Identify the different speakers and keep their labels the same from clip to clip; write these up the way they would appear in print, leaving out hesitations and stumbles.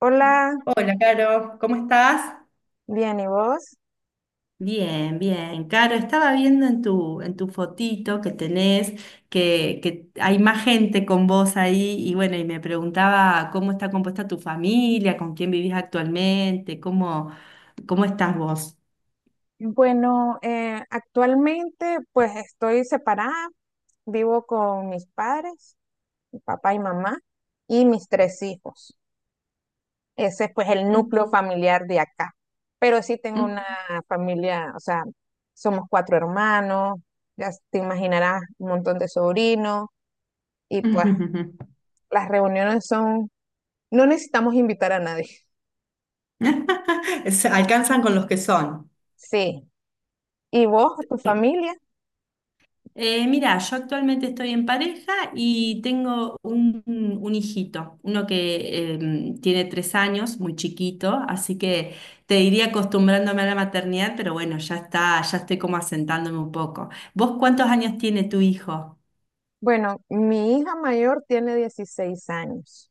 Speaker 1: Hola,
Speaker 2: Hola, Caro, ¿cómo estás?
Speaker 1: bien, ¿y vos?
Speaker 2: Bien, bien. Caro, estaba viendo en tu fotito que tenés que hay más gente con vos ahí y bueno, y me preguntaba cómo está compuesta tu familia, con quién vivís actualmente, cómo estás vos.
Speaker 1: Bueno, actualmente pues estoy separada, vivo con mis padres, mi papá y mamá, y mis tres hijos. Ese es pues el
Speaker 2: Mm,
Speaker 1: núcleo familiar de acá. Pero sí tengo una
Speaker 2: mm.
Speaker 1: familia, o sea, somos cuatro hermanos, ya te imaginarás un montón de sobrinos, y pues las reuniones son, no necesitamos invitar a nadie.
Speaker 2: Se alcanzan con los que son.
Speaker 1: Sí, ¿y vos, tu familia?
Speaker 2: Mira, yo actualmente estoy en pareja y tengo un hijito, uno que tiene 3 años, muy chiquito, así que te diría acostumbrándome a la maternidad, pero bueno, ya está, ya estoy como asentándome un poco. ¿Vos cuántos años tiene tu hijo?
Speaker 1: Bueno, mi hija mayor tiene 16 años.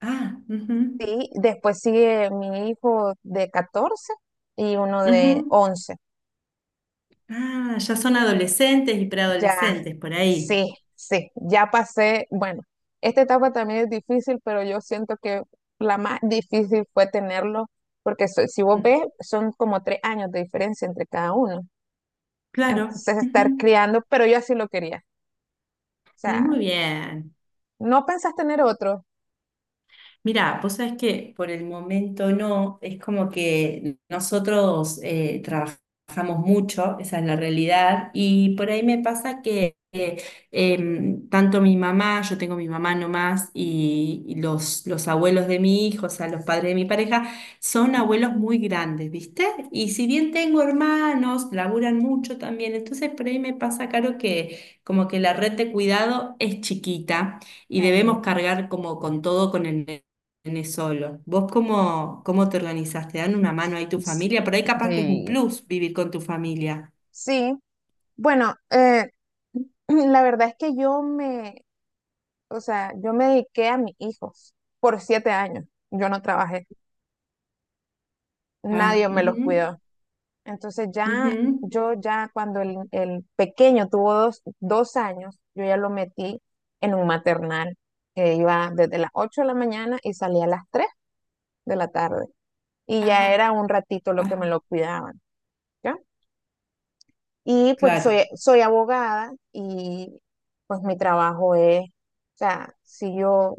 Speaker 2: Ah, ujú,
Speaker 1: Sí, después sigue mi hijo de 14 y uno de
Speaker 2: ujú.
Speaker 1: 11.
Speaker 2: Ah, ya son adolescentes y
Speaker 1: Ya,
Speaker 2: preadolescentes por ahí.
Speaker 1: sí, sí, ya pasé. Bueno, esta etapa también es difícil, pero yo siento que la más difícil fue tenerlo, porque si vos
Speaker 2: Ujú,
Speaker 1: ves, son como 3 años de diferencia entre cada uno.
Speaker 2: claro.
Speaker 1: Entonces, estar
Speaker 2: Ujú.
Speaker 1: criando, pero yo así lo quería. O sea,
Speaker 2: Muy bien.
Speaker 1: ¿no pensás tener otro?
Speaker 2: Mira, vos sabés que por el momento no, es como que nosotros trabajamos mucho, esa es la realidad, y por ahí me pasa que tanto mi mamá, yo tengo mi mamá nomás, y los abuelos de mi hijo, o sea, los padres de mi pareja, son abuelos muy grandes, ¿viste? Y si bien tengo hermanos, laburan mucho también, entonces por ahí me pasa, Caro, que como que la red de cuidado es chiquita y
Speaker 1: Ajá.
Speaker 2: debemos cargar como con todo con el tenés solo. ¿Vos cómo te organizás? ¿Te dan una mano ahí tu familia? Por ahí capaz que es un
Speaker 1: Sí,
Speaker 2: plus vivir con tu familia.
Speaker 1: sí, bueno, la verdad es que o sea, yo me dediqué a mis hijos por 7 años. Yo no trabajé,
Speaker 2: Ah,
Speaker 1: nadie me los
Speaker 2: ujú,
Speaker 1: cuidó. Entonces ya,
Speaker 2: ujú,
Speaker 1: yo ya cuando el pequeño tuvo dos años, yo ya lo metí en un maternal que iba desde las 8 de la mañana y salía a las 3 de la tarde. Y ya
Speaker 2: ajá,
Speaker 1: era un ratito lo que me
Speaker 2: ajá,
Speaker 1: lo cuidaban. ¿Ya? Y pues
Speaker 2: claro.
Speaker 1: soy abogada y pues mi trabajo es, o sea, si yo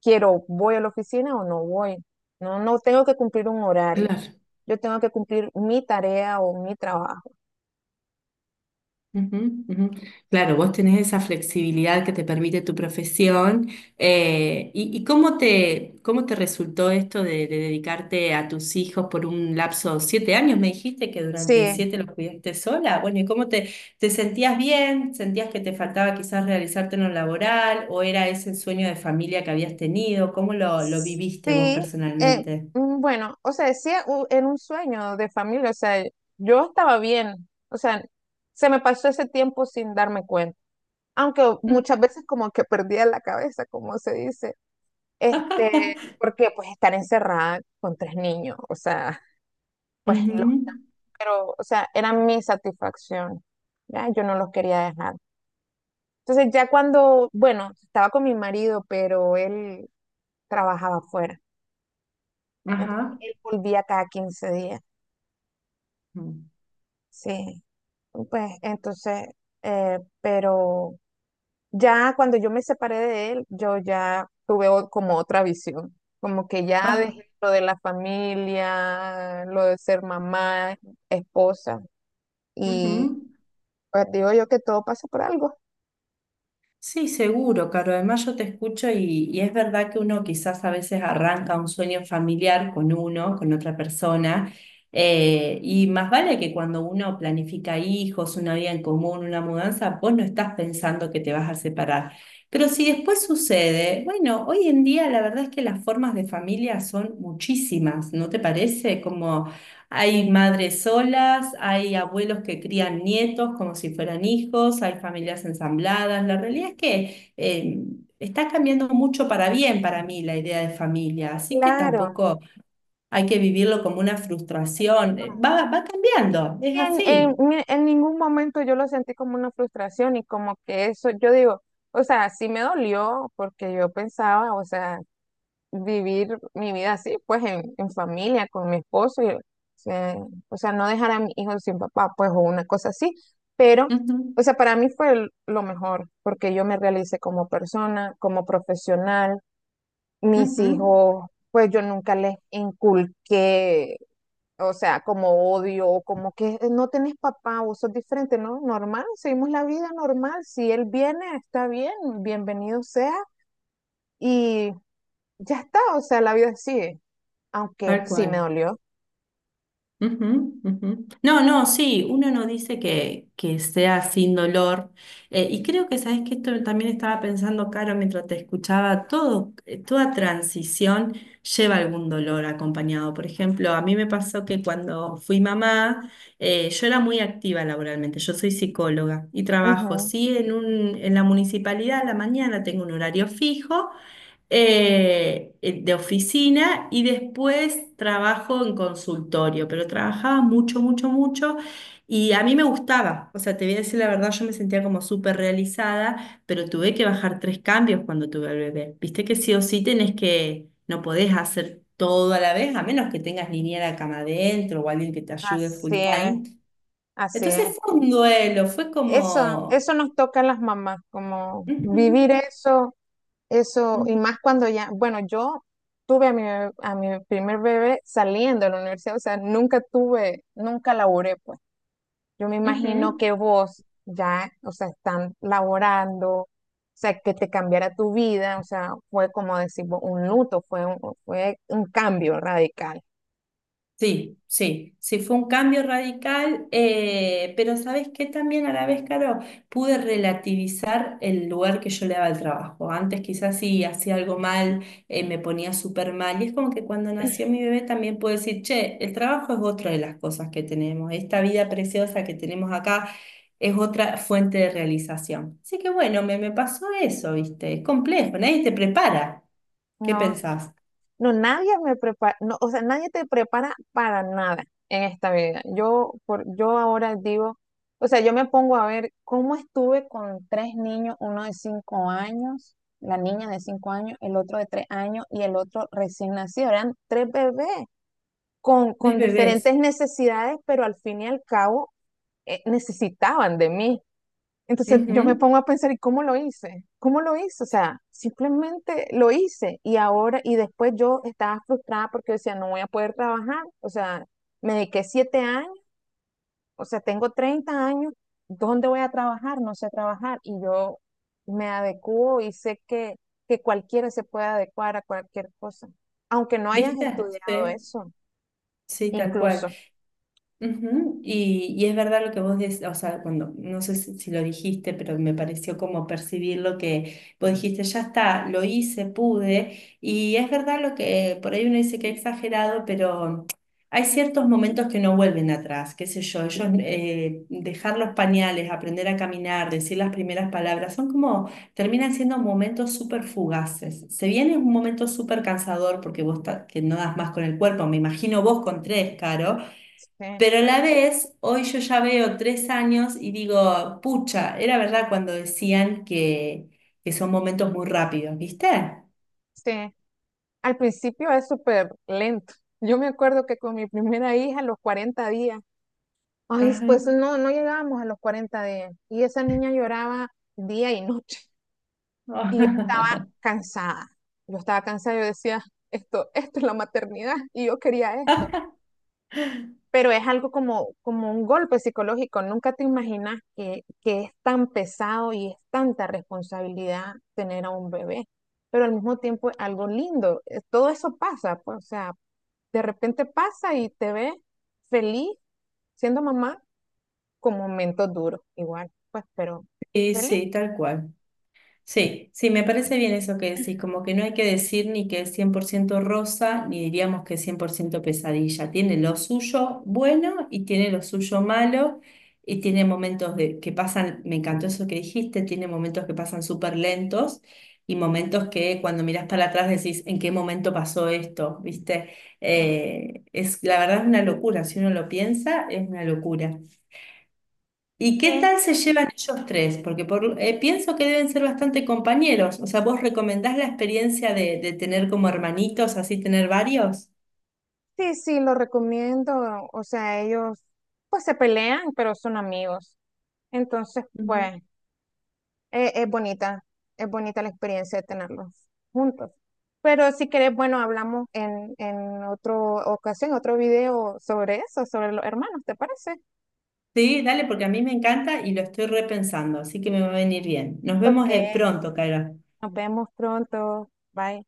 Speaker 1: quiero, voy a la oficina o no voy. No, no tengo que cumplir un horario.
Speaker 2: Claro.
Speaker 1: Yo tengo que cumplir mi tarea o mi trabajo.
Speaker 2: Ujú, ujú. Claro, vos tenés esa flexibilidad que te permite tu profesión. Y cómo te resultó esto de dedicarte a tus hijos por un lapso de 7 años? Me dijiste que durante
Speaker 1: Sí,
Speaker 2: siete los cuidaste sola. Bueno, ¿y cómo te sentías bien? ¿Sentías que te faltaba quizás realizarte en lo laboral? ¿O era ese sueño de familia que habías tenido? ¿Cómo lo viviste vos
Speaker 1: sí. eh,
Speaker 2: personalmente?
Speaker 1: bueno, o sea, sí, era un sueño de familia. O sea, yo estaba bien. O sea, se me pasó ese tiempo sin darme cuenta. Aunque muchas veces como que perdía la cabeza, como se dice. Este, porque pues estar encerrada con tres niños, o sea, pues lo,
Speaker 2: Ujú,
Speaker 1: pero, o sea, era mi satisfacción, ya, yo no los quería dejar. Entonces ya cuando, bueno, estaba con mi marido, pero él trabajaba afuera, entonces
Speaker 2: ajá.
Speaker 1: él volvía cada 15 días, sí, pues entonces, pero ya cuando yo me separé de él, yo ya tuve como otra visión, como que ya
Speaker 2: Ah,
Speaker 1: dejé lo de la familia, lo de ser mamá, esposa,
Speaker 2: ujú.
Speaker 1: y pues digo yo que todo pasa por algo.
Speaker 2: Sí, seguro, Caro. Además yo te escucho y es verdad que uno quizás a veces arranca un sueño familiar con uno, con otra persona, y más vale que cuando uno planifica hijos, una vida en común, una mudanza, vos no estás pensando que te vas a separar. Pero si después sucede, bueno, hoy en día la verdad es que las formas de familia son muchísimas, ¿no te parece? Como hay madres solas, hay abuelos que crían nietos como si fueran hijos, hay familias ensambladas. La realidad es que está cambiando mucho para bien para mí la idea de familia, así que
Speaker 1: Claro.
Speaker 2: tampoco hay que vivirlo como una frustración. Eh,
Speaker 1: No.
Speaker 2: Va, va cambiando, es
Speaker 1: Sí,
Speaker 2: así.
Speaker 1: en ningún momento yo lo sentí como una frustración, y como que eso, yo digo, o sea, sí me dolió porque yo pensaba, o sea, vivir mi vida así, pues en familia, con mi esposo, y, eh, o sea, no dejar a mi hijo sin papá, pues o una cosa así, pero,
Speaker 2: Ujú,
Speaker 1: o sea, para mí fue lo mejor, porque yo me realicé como persona, como profesional, mis
Speaker 2: ujú,
Speaker 1: hijos, pues yo nunca les inculqué, o sea, como odio, o como que no tenés papá, vos sos diferente, ¿no? Normal, seguimos la vida normal, si él viene, está bien, bienvenido sea", y ya está, o sea, la vida sigue aunque
Speaker 2: tal
Speaker 1: sí me
Speaker 2: cual.
Speaker 1: dolió.
Speaker 2: Ujú, ujú. No, no, sí, uno no dice que, sea sin dolor. Y creo que, sabes que esto también estaba pensando, Caro, mientras te escuchaba, todo, toda transición lleva algún dolor acompañado. Por ejemplo, a mí me pasó que cuando fui mamá, yo era muy activa laboralmente, yo soy psicóloga y trabajo,
Speaker 1: Ujú,
Speaker 2: sí, en la municipalidad, a la mañana tengo un horario fijo de oficina y después trabajo en consultorio, pero trabajaba mucho, mucho, mucho y a mí me gustaba, o sea, te voy a decir la verdad, yo me sentía como súper realizada, pero tuve que bajar tres cambios cuando tuve al bebé. Viste que sí o sí tenés que, no podés hacer todo a la vez, a menos que tengas niñera cama adentro o alguien que te ayude
Speaker 1: así
Speaker 2: full
Speaker 1: es,
Speaker 2: time.
Speaker 1: así
Speaker 2: Entonces
Speaker 1: es.
Speaker 2: fue un duelo, fue
Speaker 1: Eso,
Speaker 2: como...
Speaker 1: eso nos toca a las mamás, como
Speaker 2: Ujú,
Speaker 1: vivir eso, eso, y
Speaker 2: ujú,
Speaker 1: más cuando ya, bueno, yo tuve a a mi primer bebé saliendo de la universidad, o sea, nunca tuve, nunca laboré, pues. Yo me
Speaker 2: ujú.
Speaker 1: imagino que vos ya, o sea, están laborando, o sea, que te cambiara tu vida, o sea, fue como decir, un luto, fue un cambio radical.
Speaker 2: Sí, sí, sí, fue un cambio radical, pero ¿sabes qué? También a la vez, Caro, pude relativizar el lugar que yo le daba al trabajo. Antes quizás sí hacía algo mal, me ponía súper mal, y es como que cuando nació mi bebé también puedo decir, che, el trabajo es otra de las cosas que tenemos, esta vida preciosa que tenemos acá es otra fuente de realización. Así que bueno, me pasó eso, ¿viste? Es complejo, nadie te prepara. ¿Qué
Speaker 1: No.
Speaker 2: pensás?
Speaker 1: No, nadie me prepara, no, o sea, nadie te prepara para nada en esta vida. Yo ahora digo, o sea, yo me pongo a ver cómo estuve con tres niños, uno de 5 años, la niña de 5 años, el otro de 3 años y el otro recién nacido. Eran tres bebés con,
Speaker 2: Tres
Speaker 1: con
Speaker 2: bebés.
Speaker 1: diferentes necesidades, pero al fin y al cabo necesitaban de mí. Entonces yo me
Speaker 2: Ujú.
Speaker 1: pongo a pensar, ¿y cómo lo hice? ¿Cómo lo hice? O sea, simplemente lo hice y ahora, y después yo estaba frustrada porque decía, no voy a poder trabajar, o sea, me dediqué 7 años, o sea, tengo 30 años, ¿dónde voy a trabajar? No sé trabajar y yo me adecuo y sé que cualquiera se puede adecuar a cualquier cosa, aunque no hayas
Speaker 2: ¿Viste?
Speaker 1: estudiado
Speaker 2: Sí.
Speaker 1: eso,
Speaker 2: Sí, tal cual.
Speaker 1: incluso.
Speaker 2: Ujú, y es verdad lo que vos decís, o sea, cuando, no sé si lo dijiste, pero me pareció como percibir lo que vos dijiste, ya está, lo hice, pude, y es verdad lo que por ahí uno dice que he exagerado, pero hay ciertos momentos que no vuelven atrás, qué sé yo, ellos, dejar los pañales, aprender a caminar, decir las primeras palabras, son como, terminan siendo momentos súper fugaces. Se viene un momento súper cansador porque vos que no das más con el cuerpo, me imagino vos con tres, Caro.
Speaker 1: Sí,
Speaker 2: Pero a la vez, hoy yo ya veo 3 años y digo, pucha, era verdad cuando decían que, son momentos muy rápidos, ¿viste?
Speaker 1: sí. Al principio es súper lento. Yo me acuerdo que con mi primera hija, a los 40 días, ay,
Speaker 2: Ajá.
Speaker 1: pues no, no llegábamos a los 40 días. Y esa niña lloraba día y noche. Y yo estaba cansada. Yo estaba cansada, yo decía, esto es la maternidad y yo quería esto. Pero es algo como un golpe psicológico. Nunca te imaginas que es tan pesado y es tanta responsabilidad tener a un bebé, pero al mismo tiempo es algo lindo. Todo eso pasa, pues, o sea, de repente pasa y te ves feliz siendo mamá con momentos duros, igual, pues, pero
Speaker 2: Y
Speaker 1: feliz.
Speaker 2: sí, tal cual. Sí, sí, me parece bien eso que decís, como que no hay que decir ni que es 100% rosa, ni diríamos que es 100% pesadilla. Tiene lo suyo bueno y tiene lo suyo malo, y tiene momentos de, que pasan, me encantó eso que dijiste, tiene momentos que pasan súper lentos y momentos que cuando mirás para atrás decís, ¿en qué momento pasó esto? ¿Viste?
Speaker 1: Sí,
Speaker 2: La verdad es una locura, si uno lo piensa, es una locura. ¿Y
Speaker 1: sí,
Speaker 2: qué tal se llevan ellos tres? Porque pienso que deben ser bastante compañeros. O sea, ¿vos recomendás la experiencia de tener como hermanitos, así tener varios?
Speaker 1: sí, sí, lo recomiendo. O sea, ellos pues se pelean, pero son amigos. Entonces,
Speaker 2: Ujú.
Speaker 1: pues. Es bonita, es bonita la experiencia de tenerlos juntos. Pero si querés, bueno, hablamos en otra ocasión, otro video sobre eso, sobre los hermanos, ¿te parece?
Speaker 2: Sí, dale, porque a mí me encanta y lo estoy repensando, así que me va a venir bien. Nos
Speaker 1: Ok,
Speaker 2: vemos pronto, Cairo.
Speaker 1: nos vemos pronto. Bye.